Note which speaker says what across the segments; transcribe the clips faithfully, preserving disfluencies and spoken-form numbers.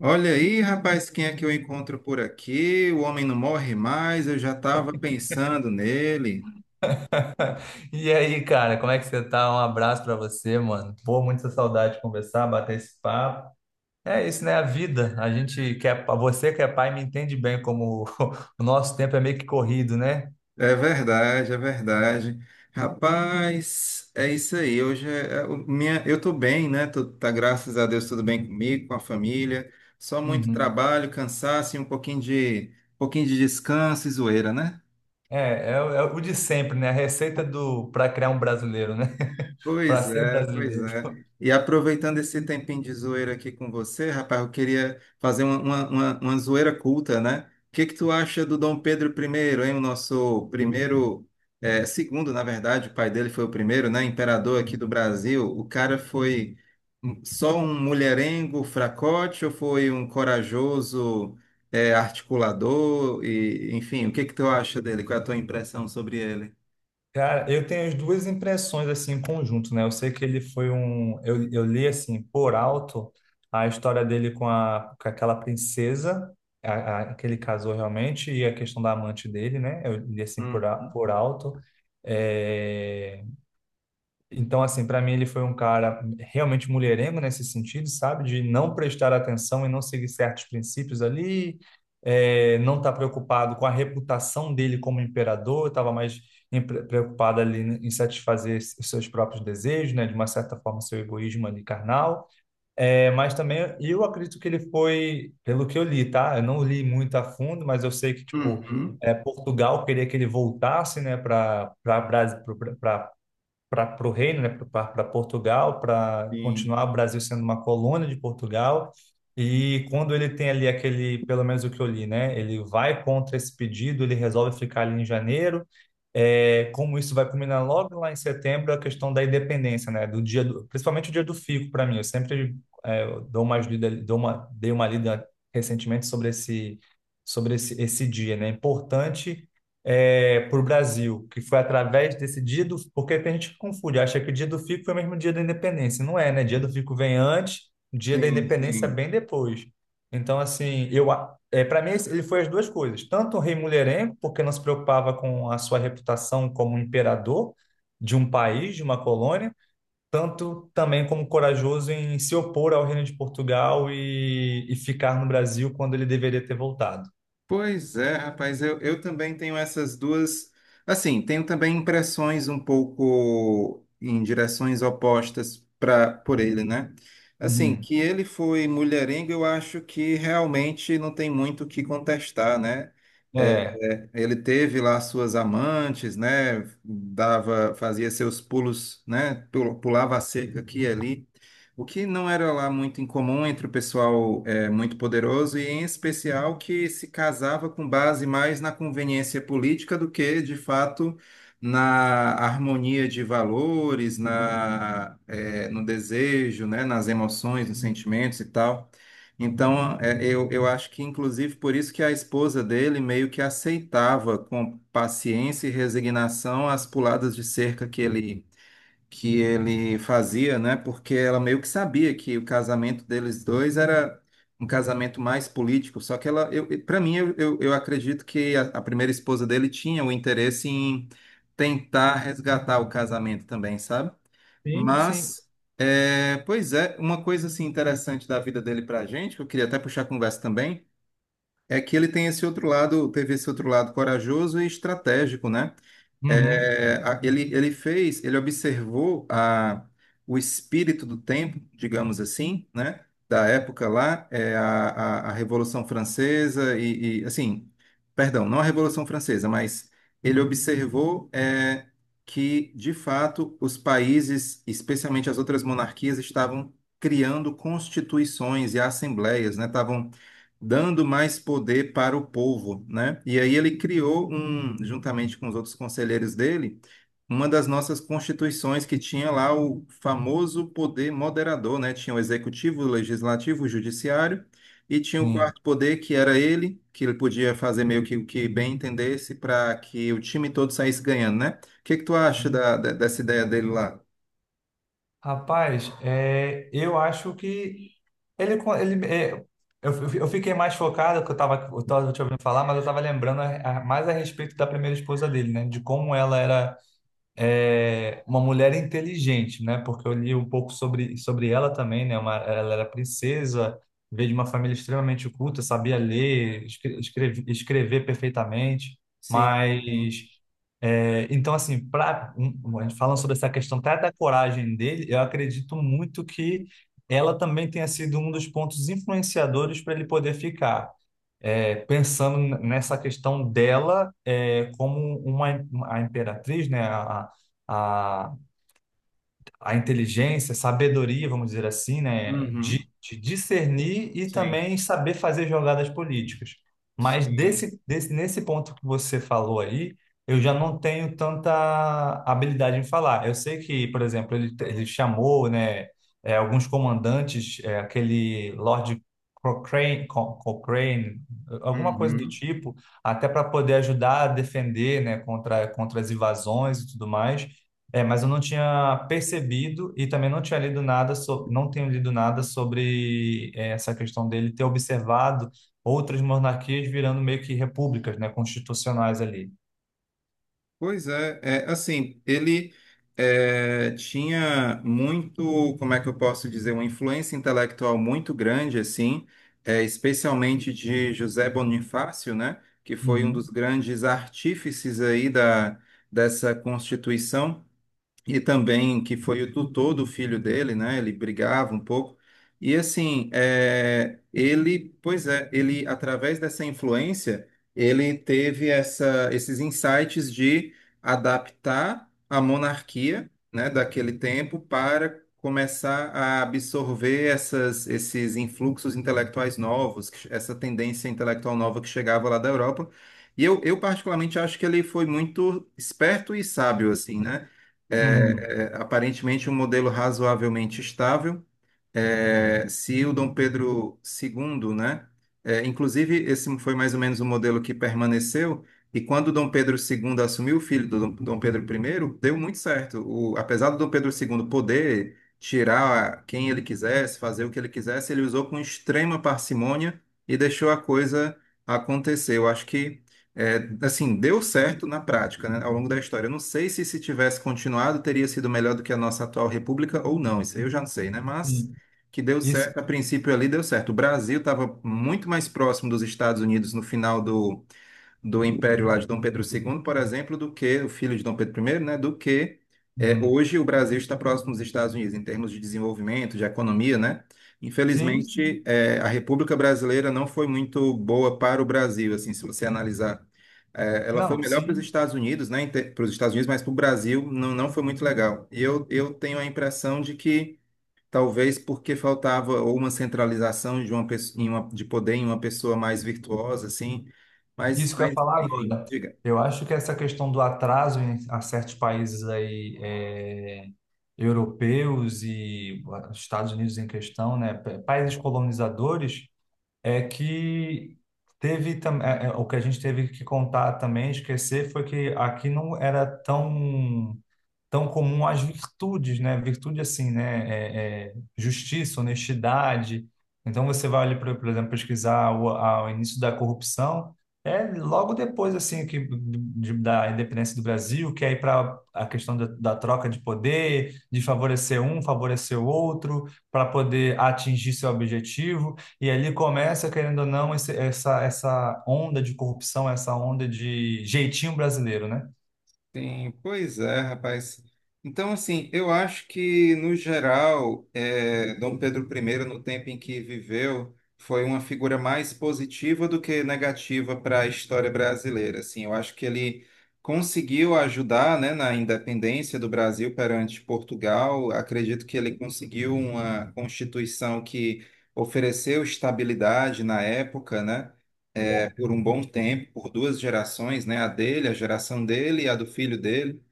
Speaker 1: Olha aí, rapaz, quem é que eu encontro por aqui? O homem não morre mais, eu já estava pensando nele.
Speaker 2: E aí, cara, como é que você tá? Um abraço pra você, mano. Pô, muita saudade de conversar, bater esse papo. É isso, né? A vida. A gente que é, você que é pai me entende bem como o nosso tempo é meio que corrido, né?
Speaker 1: É verdade, é verdade. Rapaz, é isso aí. Hoje é, é o- minha, eu tô bem, né? Tô, tá, graças a Deus, tudo bem comigo, com a família. Só muito
Speaker 2: Uhum.
Speaker 1: trabalho, cansaço e um pouquinho de, um pouquinho de descanso e zoeira, né?
Speaker 2: É, é, o é o de sempre, né? A receita do para criar um brasileiro, né? Para
Speaker 1: Pois
Speaker 2: ser
Speaker 1: é, pois
Speaker 2: brasileiro.
Speaker 1: é. E aproveitando esse tempinho de zoeira aqui com você, rapaz, eu queria fazer uma, uma, uma- uma zoeira culta, né? O que que tu acha do Dom Pedro I, hein? O nosso primeiro, é, segundo, na verdade, o pai dele foi o primeiro, né? Imperador aqui do Brasil. O cara foi só um mulherengo fracote ou foi um corajoso, é, articulador? E, enfim, o que que tu acha dele? Qual é a tua impressão sobre ele?
Speaker 2: Cara, eu tenho as duas impressões assim em conjunto, né? Eu sei que ele foi um, eu, eu li assim por alto a história dele com a com aquela princesa, a, a- que ele casou realmente e a questão da amante dele, né? Eu li assim por, a-
Speaker 1: Uhum.
Speaker 2: por alto. É, então, assim, para mim ele foi um cara realmente mulherengo nesse sentido, sabe? De não prestar atenção e não seguir certos princípios ali, é, não estar preocupado com a reputação dele como imperador, estava mais em- pre- preocupado ali em satisfazer os seus próprios desejos, né? De uma certa forma, seu egoísmo ali carnal. É, mas também eu acredito que ele foi, pelo que eu li, tá? Eu não li muito a fundo, mas eu sei que, tipo,
Speaker 1: Uhum.
Speaker 2: é, Portugal queria que ele voltasse, né, para para o reino, né, para Portugal, para
Speaker 1: Sim.
Speaker 2: continuar o Brasil sendo uma colônia de Portugal. E quando ele tem ali aquele, pelo menos o que eu li, né, ele vai contra esse pedido, ele resolve ficar ali em janeiro. É, como isso vai culminar logo lá em setembro, é a questão da independência, né, do dia do, principalmente o dia do fico para mim. Eu sempre é, dou umas lida, dou uma, dei uma lida recentemente sobre esse sobre esse, esse dia, né? É importante para o Brasil, que foi através desse dia do... Porque tem gente que confunde, acha que o dia do Fico foi o mesmo dia da independência. Não é, né? Dia do Fico vem antes, dia da
Speaker 1: Sim,
Speaker 2: independência
Speaker 1: sim.
Speaker 2: bem depois. Então, assim, eu... a- É, para mim, esse- ele foi as duas coisas. Tanto o rei mulherengo, porque não se preocupava com a sua reputação como imperador de um país, de uma colônia, tanto também como corajoso em se opor ao reino de Portugal e, e ficar no Brasil quando ele deveria ter voltado.
Speaker 1: Pois é, rapaz, eu, eu também tenho essas duas. Assim, tenho também impressões um pouco em direções opostas para por ele, né? Assim,
Speaker 2: Uhum.
Speaker 1: que ele foi mulherengo, eu acho que realmente não tem muito o que contestar, né? É,
Speaker 2: É.
Speaker 1: é, ele teve lá suas amantes, né? Dava, fazia seus pulos, né? Pul- Pulava a cerca aqui e ali. O que não era lá muito incomum entre o pessoal é, muito poderoso e, em especial, que se casava com base mais na conveniência política do que, de fato, na harmonia de valores, na, é, no desejo, né, nas emoções, nos sentimentos e tal. Então, é, eu, eu acho que, inclusive, por isso que a esposa dele meio que aceitava com paciência e resignação as puladas de cerca que ele que ele fazia, né? Porque ela meio que sabia que o casamento deles dois era um casamento mais político. Só que ela, eu, para mim, eu, eu, eu acredito que a, a primeira esposa dele tinha o interesse em tentar resgatar o casamento também, sabe?
Speaker 2: Sim, sim.
Speaker 1: Mas, é, pois é, uma coisa assim interessante da vida dele para a gente, que eu queria até puxar a conversa também. É que ele tem esse outro lado, teve esse outro lado corajoso e estratégico, né?
Speaker 2: Uhum,
Speaker 1: É, a- ele, ele fez, ele observou a, o espírito do tempo, digamos assim, né? Da época lá, é, a, a, a Revolução Francesa e, e, assim, perdão, não a Revolução Francesa, mas ele observou é, que, de fato, os países, especialmente as outras monarquias, estavam criando constituições e assembleias, né? Estavam dando mais poder para o povo, né? E aí ele criou um, juntamente com os outros conselheiros dele, uma das nossas constituições que tinha lá o famoso poder moderador, né? Tinha o executivo, o legislativo, o judiciário e tinha o
Speaker 2: sim,
Speaker 1: quarto poder que era ele, que ele podia fazer meio que o que bem entendesse para que o time todo saísse ganhando, né? O que que tu acha
Speaker 2: sim.
Speaker 1: da, da- dessa ideia dele lá?
Speaker 2: Rapaz, é, eu acho que ele, co- ele é, eu, fi- eu fiquei mais focado, que eu estava eu tava te ouvindo falar, mas eu estava lembrando a- a- mais a respeito da primeira esposa dele, né? De como ela era. É, uma mulher inteligente, né? Porque eu li um pouco sobre, sobre ela também, né? Uma, ela era princesa, veio de uma família extremamente culta, sabia ler, escre- escreve- escrever perfeitamente,
Speaker 1: Sim,
Speaker 2: mas
Speaker 1: sim,
Speaker 2: é, então assim, pra, um, um, a gente falando sobre essa questão até da coragem dele, eu acredito muito que ela também tenha sido um dos pontos influenciadores para ele poder ficar é, pensando nessa questão dela é, como uma, a imperatriz, né, a, a, a inteligência, sabedoria, vamos dizer assim, né,
Speaker 1: uhum,
Speaker 2: de, de discernir e
Speaker 1: sim,
Speaker 2: também saber fazer jogadas políticas. Mas
Speaker 1: sim.
Speaker 2: desse, desse, nesse ponto que você falou aí, eu já não tenho tanta habilidade em falar. Eu sei que, por exemplo, ele, ele chamou, né, é, alguns comandantes, é, aquele Lord Cochrane, Co- Cochrane, alguma coisa do
Speaker 1: Uhum.
Speaker 2: tipo, até para poder ajudar a defender, né, contra, contra as invasões e tudo mais. É, mas eu não tinha percebido e também não tinha lido nada sobre, não tenho lido nada sobre eh, essa questão dele ter observado outras monarquias virando meio que repúblicas, né, constitucionais ali.
Speaker 1: Pois é, é assim, ele é, tinha muito, como é que eu posso dizer, uma influência intelectual muito grande, assim, é, especialmente de José Bonifácio, né, que foi um
Speaker 2: Uhum,
Speaker 1: dos grandes artífices aí da, dessa Constituição e também que foi o tutor do filho dele, né? Ele brigava um pouco. E assim, é, ele, pois é, ele através dessa influência, ele teve essa, esses insights de adaptar a monarquia, né, daquele tempo para começar a absorver essas, esses influxos intelectuais novos, que- essa tendência intelectual nova que chegava lá da Europa. E eu, eu particularmente acho que ele foi muito esperto e sábio, assim, né?
Speaker 2: uhum,
Speaker 1: É, é, aparentemente um modelo razoavelmente estável, é, se o Dom Pedro segundo, né? É, inclusive, esse foi mais ou menos o modelo que permaneceu, e quando o Dom Pedro segundo assumiu o filho do Dom Dom Pedro I, deu muito certo. O- apesar do Dom Pedro segundo poder tirar quem ele quisesse, fazer o que ele quisesse, ele usou com extrema parcimônia e deixou a coisa acontecer. Eu acho que, é, assim, deu certo na prática, né, ao longo da história. Eu não sei se se tivesse continuado, teria sido melhor do que a nossa atual república ou não, isso aí eu já não sei, né? Mas
Speaker 2: sim.
Speaker 1: que deu
Speaker 2: Isso,
Speaker 1: certo, a princípio ali deu certo. O Brasil estava muito mais próximo dos Estados Unidos no final do, do Império lá de Dom Pedro segundo, por exemplo, do que o filho de Dom Pedro I, né, do que é,
Speaker 2: uhum.
Speaker 1: hoje o Brasil está próximo dos Estados Unidos em termos de desenvolvimento, de economia, né?
Speaker 2: Sim, sim.
Speaker 1: Infelizmente, é, a República Brasileira não foi muito boa para o Brasil, assim, se você analisar. É, ela foi
Speaker 2: Não,
Speaker 1: melhor para os
Speaker 2: sim.
Speaker 1: Estados Unidos, né? Para os Estados Unidos, mas para o Brasil não, não foi muito legal. E eu, eu tenho a impressão de que talvez porque faltava ou uma centralização de uma pessoa, de poder em uma pessoa mais virtuosa, assim. Mas,
Speaker 2: Isso que eu ia
Speaker 1: mas
Speaker 2: falar
Speaker 1: enfim,
Speaker 2: agora.
Speaker 1: diga.
Speaker 2: Eu acho que essa questão do atraso em a certos países aí eh, europeus e ah, Estados Unidos em questão, né, pa- países colonizadores. É que teve também o que a gente teve que contar também, esquecer, foi que aqui não era tão tão comum as virtudes, né? Virtude assim, né? É, é, justiça, honestidade. Então você vai ali, por, por exemplo, pesquisar o, a- o início da corrupção, é logo depois assim que de- da independência do Brasil, que aí para a questão da, da troca de poder, de favorecer um, favorecer o outro, para poder atingir seu objetivo. E ali começa, querendo ou não, esse- essa, essa onda de corrupção, essa onda de jeitinho brasileiro, né?
Speaker 1: Sim, pois é, rapaz. Então, assim, eu acho que, no geral, eh, Dom Pedro I, no tempo em que viveu, foi uma figura mais positiva do que negativa para a história brasileira. Assim, eu acho que ele conseguiu ajudar, né, na independência do Brasil perante Portugal. Acredito que ele conseguiu uma Constituição que ofereceu estabilidade na época, né? Por um bom tempo, por duas gerações, né? A dele, a geração dele e a do filho dele.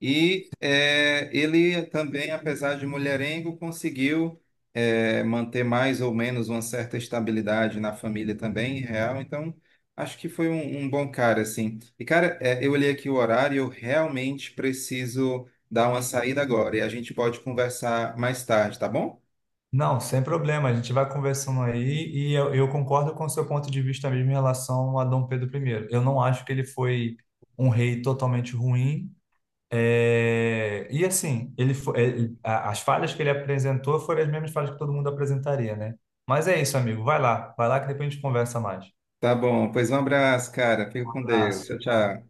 Speaker 1: E eh, ele também, apesar de mulherengo, conseguiu eh, manter mais ou menos uma certa estabilidade na família também, real. Então, acho que foi um, um bom cara, assim. E, cara, eh, eu olhei aqui o horário, eu realmente preciso dar uma saída agora. E a gente pode conversar mais tarde, tá bom?
Speaker 2: Não, sem problema, a gente vai conversando aí e eu, eu concordo com o seu ponto de vista mesmo em relação a Dom Pedro um. Eu não acho que ele foi um rei totalmente ruim. é, E assim, ele fo- ele- a- as falhas que ele apresentou foram as mesmas falhas que todo mundo apresentaria, né? Mas é isso, amigo. Vai lá, vai lá que depois a gente conversa mais.
Speaker 1: Tá bom, pois um abraço, cara. Fica
Speaker 2: Um
Speaker 1: com Deus.
Speaker 2: abraço.
Speaker 1: Tchau, tchau.